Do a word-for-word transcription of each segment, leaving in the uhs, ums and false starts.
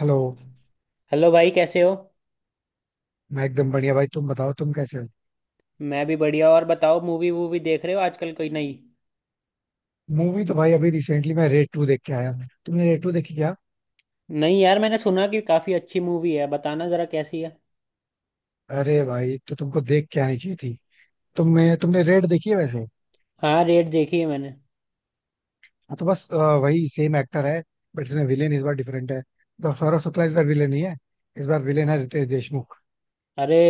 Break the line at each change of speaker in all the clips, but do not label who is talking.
Hello.
Hello भाई, कैसे हो।
मैं एकदम बढ़िया भाई, तुम बताओ तुम कैसे हो।
मैं भी बढ़िया। और बताओ, मूवी वूवी देख रहे हो आजकल कोई नई।
मूवी तो भाई अभी रिसेंटली मैं रेड टू देख के आया। तुमने रेड टू देखी क्या?
नहीं यार, मैंने सुना कि काफ़ी अच्छी मूवी है, बताना ज़रा कैसी है।
अरे भाई, तो तुमको देख के आनी चाहिए थी। तुमने तुमने रेड देखी है वैसे?
हाँ, रेड देखी है मैंने।
हाँ, तो बस अ, वही सेम एक्टर है। बट इसमें विलेन इस बार डिफरेंट है, तो सौरभ शुक्ला इस बार विलेन नहीं है। इस बार विलेन है रितेश देशमुख।
अरे।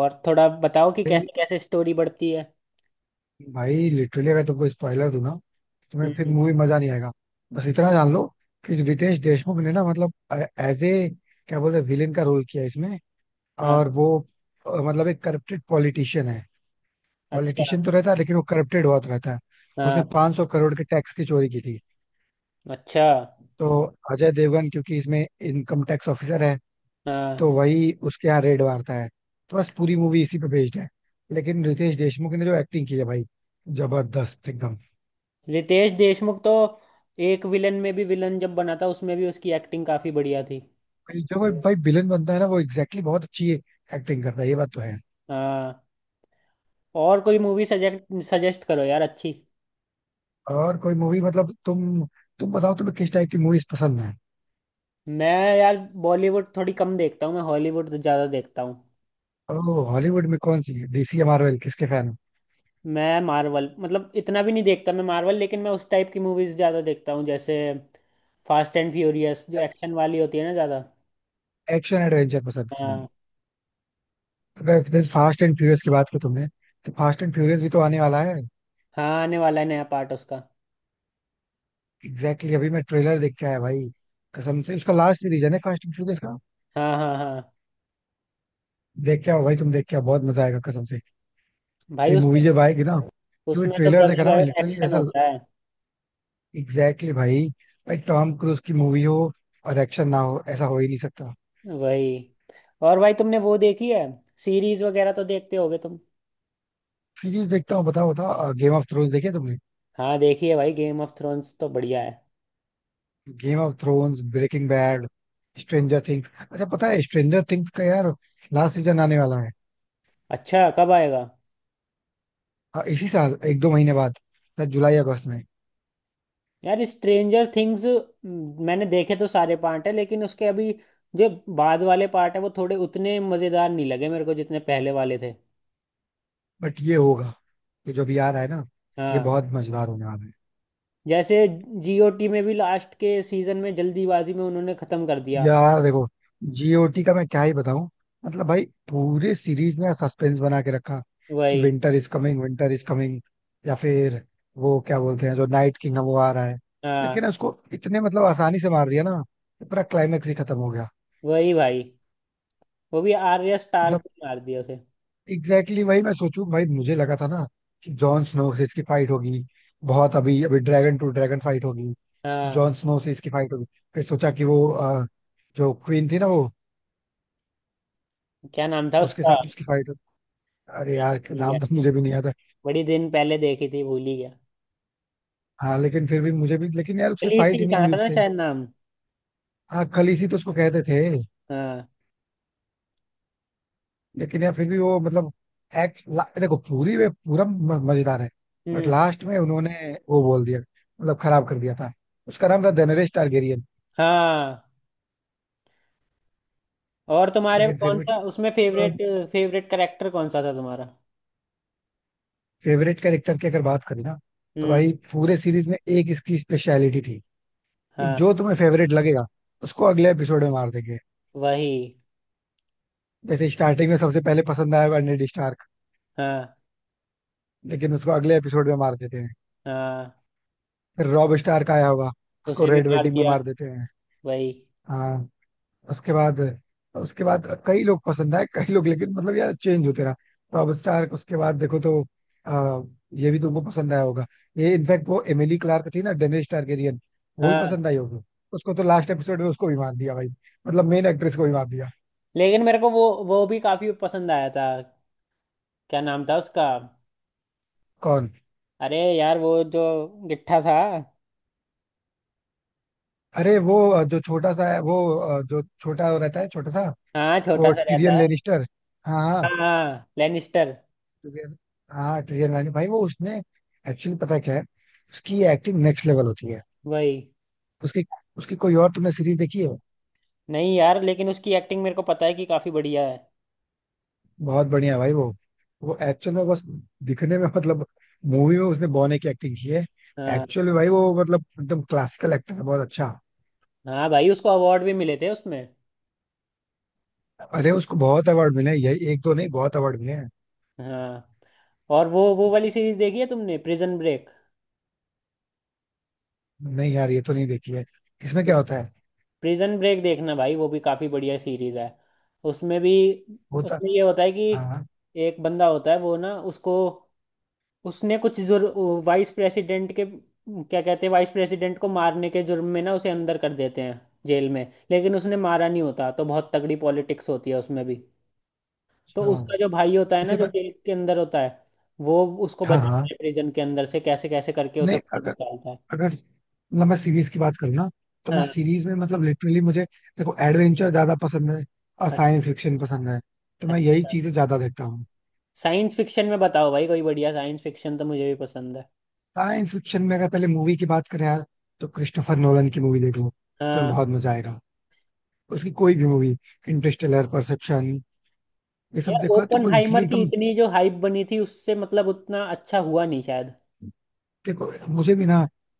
और थोड़ा बताओ कि
भाई
कैसे कैसे स्टोरी बढ़ती है।
भाई लिटरली, अगर तुमको स्पॉइलर दूं ना, तुम्हें फिर
हम्म।
मूवी मजा नहीं आएगा। बस इतना जान लो कि रितेश देशमुख ने ना, मतलब, एज ए, क्या बोलते हैं, विलेन का रोल किया है इसमें।
हाँ।
और वो अ, मतलब एक करप्टेड पॉलिटिशियन है।
अच्छा।
पॉलिटिशियन तो रहता है लेकिन वो करप्टेड बहुत रहता है। उसने
हाँ।
पाँच सौ करोड़ के टैक्स की चोरी की थी।
अच्छा।
तो अजय देवगन क्योंकि इसमें इनकम टैक्स ऑफिसर है,
हाँ।
तो वही उसके यहाँ रेड मारता है। तो बस पूरी मूवी इसी पे बेस्ड है। लेकिन रितेश देशमुख ने जो एक्टिंग की है भाई, जबरदस्त एकदम।
रितेश देशमुख तो एक विलन में भी विलन जब बना था, उसमें भी उसकी एक्टिंग काफ़ी बढ़िया थी।
भाई जो भाई भाई विलन बनता है ना, वो एग्जैक्टली exactly बहुत अच्छी एक्टिंग करता है, ये बात तो है।
हाँ। और कोई मूवी सजेस्ट सजेस्ट करो यार अच्छी।
और कोई मूवी मतलब तुम तुम बताओ तुम्हें किस टाइप की मूवीज पसंद है?
मैं, यार, बॉलीवुड थोड़ी कम देखता हूँ मैं, हॉलीवुड तो ज़्यादा देखता हूँ।
ओ, हॉलीवुड में कौन सी, डीसी या मार्वल, किसके फैन
मैं मार्वल मतलब इतना भी नहीं देखता मैं मार्वल, लेकिन मैं उस टाइप की मूवीज़ ज़्यादा देखता हूँ जैसे फास्ट एंड फ्यूरियस, जो
हो?
एक्शन वाली होती है ना ज़्यादा।
एक्शन एडवेंचर पसंद करना है।
हाँ।
अगर फास्ट एंड फ्यूरियस की बात की तुमने, तो फास्ट एंड फ्यूरियस भी तो आने वाला है।
हाँ, आने वाला है नया पार्ट उसका।
एग्जैक्टली exactly, अभी मैं ट्रेलर देख के आया भाई। कसम से, उसका लास्ट सीरीज है ना फास्ट एंड फ्यूरियस का।
हाँ, हाँ, हाँ।
देख के आओ भाई, तुम देख के आओ, बहुत मजा आएगा कसम से। तो
भाई
ये
उसमें
मूवी जब आएगी
तो
ना, क्योंकि
उसमें तो
ट्रेलर देखा
गजब
ना, मैं लिटरली
एक्शन
ऐसा,
होता है।
एग्जैक्टली exactly भाई। भाई टॉम क्रूज की मूवी हो और एक्शन ना हो, ऐसा हो ही नहीं सकता।
वही। और भाई तुमने वो देखी है, सीरीज वगैरह तो देखते होगे तुम।
सीरीज देखता हूँ। बताओ बताओ, गेम ऑफ थ्रोन्स देखे तुमने?
हाँ, देखी है भाई, गेम ऑफ थ्रोन्स तो बढ़िया है।
Game of Thrones, Breaking Bad, Stranger Things. अच्छा पता है, स्ट्रेंजर थिंग्स का यार लास्ट सीजन आने वाला है।
अच्छा, कब आएगा।
हाँ इसी साल, एक दो महीने बाद, शायद जुलाई अगस्त में।
यार स्ट्रेंजर थिंग्स मैंने देखे तो सारे पार्ट है, लेकिन उसके अभी जो बाद वाले पार्ट है वो थोड़े उतने मज़ेदार नहीं लगे मेरे को जितने पहले वाले थे।
बट ये होगा, ये जो भी आ रहा है ना, ये
हाँ,
बहुत मजेदार होने वाला है।
जैसे जीओटी में भी लास्ट के सीजन में जल्दीबाजी में उन्होंने ख़त्म कर दिया।
यार देखो, जीओटी का मैं क्या ही बताऊं। मतलब भाई, पूरे सीरीज में सस्पेंस बना के रखा कि
वही।
Winter is coming, winter is coming, या फिर वो क्या बोलते हैं, जो नाइट किंग है वो आ रहा है।
हाँ।
लेकिन उसको इतने मतलब आसानी से मार दिया ना कि पूरा क्लाइमेक्स ही खत्म हो गया।
वही भाई, वो भी आर्या स्टार्क
मतलब
ने मार दिया उसे।
एग्जैक्टली exactly वही मैं सोचूं भाई, मुझे लगा था ना कि जॉन स्नो से इसकी फाइट होगी। बहुत अभी अभी ड्रैगन टू ड्रैगन फाइट होगी।
हाँ।
जॉन स्नो से इसकी फाइट होगी। फिर सोचा कि वो अ, जो क्वीन थी ना वो,
क्या नाम था
उसके
उसका,
साथ उसकी फाइट होगी। अरे यार
भूल गया।
नाम तो मुझे भी नहीं याद है।
बड़ी दिन पहले देखी थी, भूल ही गया।
हाँ लेकिन फिर भी मुझे भी, लेकिन यार उसकी फाइट ही
अलीसी
नहीं
था
हुई
ना
उससे।
शायद नाम।
हाँ, खलीसी तो उसको कहते थे।
हाँ।
लेकिन यार फिर भी वो, मतलब, एक्ट, देखो पूरी वे पूरा म- मजेदार है। बट
हम्म।
लास्ट में उन्होंने वो बोल दिया, मतलब खराब कर दिया था। उसका नाम था डेनरेस टारगेरियन।
हाँ। और तुम्हारे
लेकिन फिर
कौन
भी,
सा उसमें फेवरेट, फेवरेट करेक्टर कौन सा था तुम्हारा।
फेवरेट कैरेक्टर की अगर बात करें ना, तो
हम्म।
भाई पूरे सीरीज में एक इसकी स्पेशलिटी थी कि
हाँ।
जो तुम्हें फेवरेट लगेगा उसको अगले एपिसोड में मार देंगे।
वही।
जैसे स्टार्टिंग में सबसे पहले पसंद आया होगा नेड स्टार्क,
हाँ,
लेकिन उसको अगले एपिसोड में मार देते हैं।
हाँ।
फिर रॉब स्टार्क आया होगा, उसको
उसे भी
रेड
मार
वेडिंग में
दिया।
मार देते हैं।
वही।
हाँ। उसके बाद, उसके बाद कई लोग पसंद आए, कई लोग, लेकिन मतलब यार चेंज होते रहा। रॉब स्टार उसके बाद देखो तो आ, ये भी तुमको पसंद आया होगा। ये इनफैक्ट वो एमिली क्लार्क थी ना, डेनिस टारगेरियन। वो भी
हाँ।
पसंद आई होगी। उसको तो लास्ट एपिसोड में उसको भी मार दिया भाई, मतलब मेन एक्ट्रेस को भी मार दिया।
लेकिन मेरे को वो, वो भी काफी पसंद आया था। क्या नाम था उसका।
कौन?
अरे यार वो जो गिट्ठा था।
अरे वो अ, जो छोटा सा है, वो अ, जो छोटा रहता है, छोटा सा,
हाँ, छोटा
वो
सा रहता
टिरियन
है।
लेनिस्टर। हाँ हाँ।
हाँ, लेनिस्टर।
Tyrion- हाँ टिरियन लेनिस्टर भाई वो, उसने एक्चुअली, पता है क्या है, उसकी एक्टिंग नेक्स्ट लेवल होती है।
वही।
उसकी उसकी कोई और तुमने सीरीज देखी है?
नहीं यार, लेकिन उसकी एक्टिंग मेरे को पता है कि काफी बढ़िया है।
बहुत बढ़िया है भाई वो। वो एक्चुअल में बस दिखने में मतलब, मूवी में उसने बॉने की एक्टिंग की है।
हाँ।
एक्चुअल में भाई वो मतलब एकदम क्लासिकल एक्टर है, बहुत अच्छा।
हाँ भाई, उसको अवार्ड भी मिले थे उसमें।
अरे उसको बहुत अवार्ड मिले हैं, यही एक दो नहीं, बहुत अवार्ड मिले हैं।
हाँ। और वो, वो वाली सीरीज देखी है तुमने, प्रिजन ब्रेक।
नहीं यार, ये तो नहीं देखी है। इसमें क्या होता है?
प्रिजन ब्रेक देखना भाई, वो भी काफी बढ़िया सीरीज है। उसमें भी
होता
उसमें ये होता है कि
हाँ हाँ।
एक बंदा होता है, वो ना, उसको, उसने कुछ जुर्म, वाइस प्रेसिडेंट के, क्या कहते हैं, वाइस प्रेसिडेंट को मारने के जुर्म में ना उसे अंदर कर देते हैं, जेल में। लेकिन उसने मारा नहीं होता, तो बहुत तगड़ी पॉलिटिक्स होती है उसमें भी। तो
अच्छा,
उसका जो भाई होता है ना,
इसे
जो
मैं,
जेल के अंदर होता है, वो उसको
हाँ
बचाता
हाँ,
है, प्रिजन के अंदर से कैसे कैसे करके उसे
नहीं,
बाहर
अगर,
निकालता है।
अगर, मतलब मैं सीरीज की बात करूँ ना, तो मैं सीरीज में मतलब लिटरली मुझे, देखो एडवेंचर ज्यादा पसंद है और
हाँ।
साइंस फिक्शन पसंद है, तो मैं यही
अच्छा,
चीजें ज्यादा देखता हूँ।
साइंस फिक्शन में बताओ भाई कोई बढ़िया, साइंस फिक्शन तो मुझे भी पसंद है।
साइंस फिक्शन में अगर पहले मूवी की बात करें यार, तो क्रिस्टोफर नोलन की मूवी देख लो तो तुम्हें
हाँ।
बहुत मजा आएगा। उसकी कोई भी मूवी, इंटरस्टेलर, परसेप्शन, ये सब
यार,
देखो यार, तुमको लिटरली
ओपनहाइमर की
एकदम।
इतनी जो हाइप बनी थी उससे मतलब उतना अच्छा हुआ नहीं शायद।
देखो मुझे भी ना,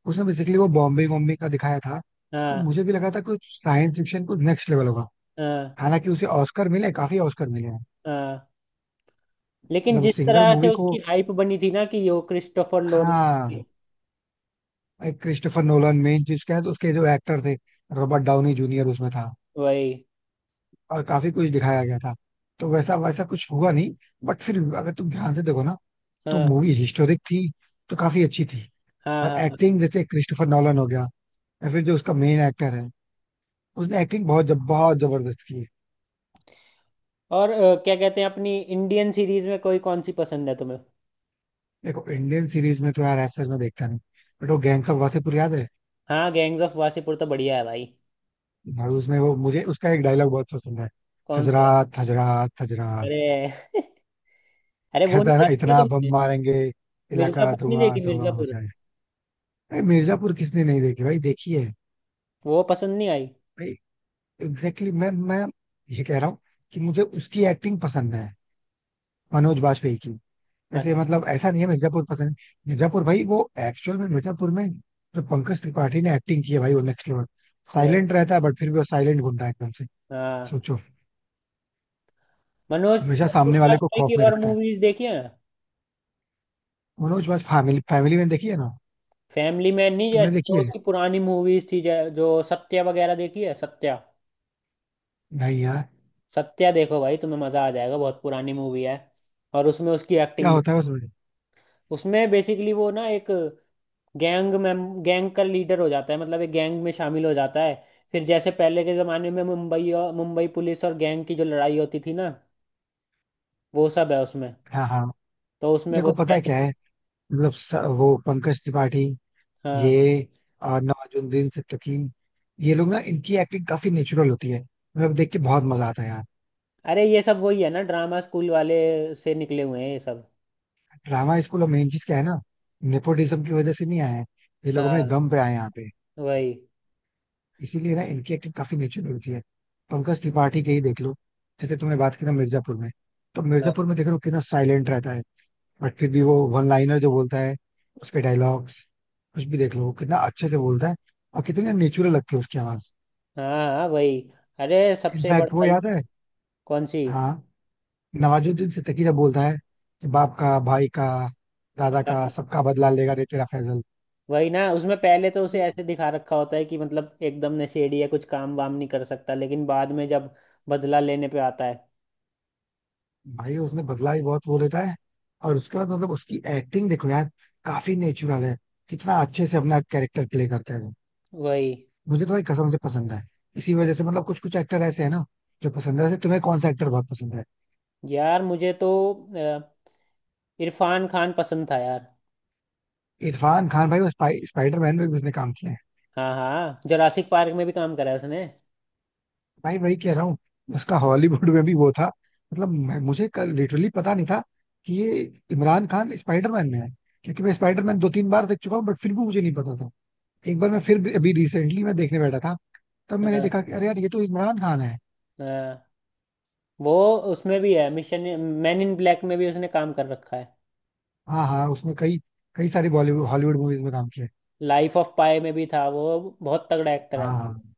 उसने बेसिकली वो बॉम्बे बॉम्बे का दिखाया था, तो
हाँ।
मुझे भी लगा था कि साइंस फिक्शन कुछ नेक्स्ट लेवल होगा।
हाँ।
हालांकि उसे ऑस्कर मिले, काफी ऑस्कर मिले हैं,
हाँ लेकिन
मतलब
जिस
उस सिंगल
तरह से
मूवी को।
उसकी हाइप बनी थी ना कि वो क्रिस्टोफर लोन।
हाँ, क्रिस्टोफर नोलन मेन चीज क्या है तो, उसके जो एक्टर थे, रॉबर्ट डाउनी जूनियर उसमें था,
वही।
और काफी कुछ दिखाया गया था, तो वैसा वैसा कुछ हुआ नहीं। बट फिर भी अगर तुम ध्यान से देखो ना, तो
हाँ,
मूवी हिस्टोरिक थी, तो काफी अच्छी थी।
हाँ,
और
हाँ, हाँ।
एक्टिंग जैसे क्रिस्टोफर नॉलन हो गया, या फिर जो उसका मेन एक्टर है, उसने एक्टिंग बहुत जब बहुत जबरदस्त की है।
और अ, क्या कहते हैं, अपनी इंडियन सीरीज में कोई कौन सी पसंद है तुम्हें।
देखो इंडियन सीरीज में तो यार ऐसा मैं देखता नहीं, बट वो गैंग्स ऑफ वासेपुर याद है?
हाँ, गैंग्स ऑफ वासेपुर तो बढ़िया है भाई।
भाई उसमें वो, मुझे उसका एक डायलॉग बहुत पसंद है।
कौन सी वाली?
हजरात हजरात हजरात,
अरे। अरे वो नहीं
कहता है ना,
देखी है
इतना बम
तुमने,
मारेंगे इलाका
मिर्जापुर नहीं देखी,
धुआं धुआं हो
मिर्जापुर?
जाए। भाई मिर्जापुर किसने नहीं देखी, भाई देखी है।
वो पसंद नहीं आई।
भाई एग्जैक्टली exactly, मैं मैं ये कह रहा हूँ कि मुझे उसकी एक्टिंग पसंद है, मनोज बाजपेयी की। वैसे मतलब
अच्छा।
ऐसा नहीं है मिर्जापुर पसंद है, मिर्जापुर भाई वो एक्चुअल में, मिर्जापुर में जो पंकज त्रिपाठी ने एक्टिंग की है भाई, वो नेक्स्ट लेवल। साइलेंट रहता है बट फिर भी वो साइलेंट गुंडा है एकदम से।
हाँ।
सोचो,
मनोज
हमेशा
मनोज
सामने वाले को
वाजपेयी
खौफ
की
में
और
रखता है।
मूवीज देखी है ना।
मनोज बाज, फैमिली फैमिली में देखी है ना
फैमिली मैन नहीं,
तुमने,
जैसे
देखी
जो
है?
उसकी पुरानी मूवीज थी, जै- जो सत्या वगैरह, देखी है सत्या?
नहीं यार।
सत्या देखो भाई, तुम्हें मजा आ जाएगा, बहुत पुरानी मूवी है। और उसमें उसकी
क्या
एक्टिंग।
होता है उसमें?
उसमें बेसिकली वो ना, एक गैंग में, गैंग का लीडर हो जाता है, मतलब एक गैंग में शामिल हो जाता है। फिर जैसे पहले के जमाने में मुंबई, और मुंबई पुलिस और गैंग की जो लड़ाई होती थी ना, वो सब है उसमें।
हाँ हाँ।
तो उसमें वो।
देखो पता है क्या है, मतलब स- वो पंकज त्रिपाठी,
हाँ।
ये आ, नवाजुद्दीन सिद्दीकी, ये लोग ना, इनकी एक्टिंग काफी नेचुरल होती है, मतलब देख के बहुत मजा आता है यार।
अरे ये सब वही है ना, ड्रामा स्कूल वाले से निकले हुए हैं ये सब।
ड्रामा स्कूल, और मेन चीज क्या है ना, नेपोटिज्म की वजह से नहीं आए हैं, ये लोग अपने
हाँ।
दम पे आए हैं यहाँ पे।
वही।
इसीलिए ना इनकी एक्टिंग काफी नेचुरल होती है। पंकज त्रिपाठी के ही देख लो, जैसे तुमने बात की ना मिर्जापुर में, तो
हाँ,
मिर्जापुर में देख लो कितना साइलेंट रहता है। बट फिर भी वो वन लाइनर जो बोलता है, उसके डायलॉग्स कुछ भी देख लो, वो कितना अच्छे से बोलता है, और कितनी नेचुरल लगती है उसकी आवाज।
हाँ, हाँ, वही। अरे, सबसे
इनफैक्ट वो
बड़ा।
याद है।
कौन सी।
हाँ, नवाजुद्दीन सिद्दीकी जब बोलता है कि बाप का, भाई का, दादा का,
हाँ।
सबका बदला लेगा रे तेरा फैजल,
वही ना, उसमें पहले तो उसे
ये
ऐसे दिखा रखा होता है कि मतलब एकदम नशेड़ी है, कुछ काम वाम नहीं कर सकता, लेकिन बाद में जब बदला लेने पे आता है।
भाई, उसने बदला भी बहुत वो लेता है। और उसके बाद मतलब उसकी एक्टिंग देखो यार, काफी नेचुरल है, कितना अच्छे से अपना कैरेक्टर प्ले करता है वो।
वही।
मुझे तो भाई कसम से पसंद है। इसी वजह से मतलब कुछ कुछ एक्टर ऐसे है ना जो पसंद है। वैसे तुम्हें कौन सा एक्टर बहुत पसंद है?
यार मुझे तो अ, इरफान खान पसंद था यार।
इरफान खान भाई, वो स्पाइडरमैन में भी उसने काम किया है।
हाँ, हाँ, जोरासिक पार्क में भी काम करा है उसने।
भाई वही कह रहा हूँ, उसका हॉलीवुड में भी वो था, मतलब मैं, मुझे लिटरली पता नहीं था कि ये इमरान खान स्पाइडरमैन में है, क्योंकि मैं स्पाइडरमैन दो तीन बार देख चुका हूँ, बट फिर भी मुझे नहीं पता था। एक बार मैं फिर भी- अभी रिसेंटली मैं देखने बैठा था, तब मैंने
हाँ।
देखा कि अरे यार ये तो इमरान खान है।
हाँ। वो उसमें भी है, मिशन। मैन इन ब्लैक में भी उसने काम कर रखा है।
हाँ हाँ, उसने कई कई सारी बॉलीवुड हॉलीवुड मूवीज में काम किया है।
लाइफ ऑफ पाई में भी था वो, बहुत तगड़ा एक्टर है।
हाँ हाँ,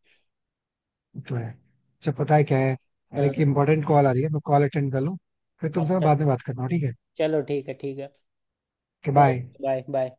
वो तो है, अच्छा पता है क्या है, अरे
हाँ,
एक इम्पोर्टेंट कॉल आ रही है, मैं कॉल अटेंड कर लूँ, फिर तुमसे मैं
अच्छा।
बाद में बात करता हूँ ठीक
चलो, ठीक है, ठीक है।
है। बाय।
Okay, bye bye.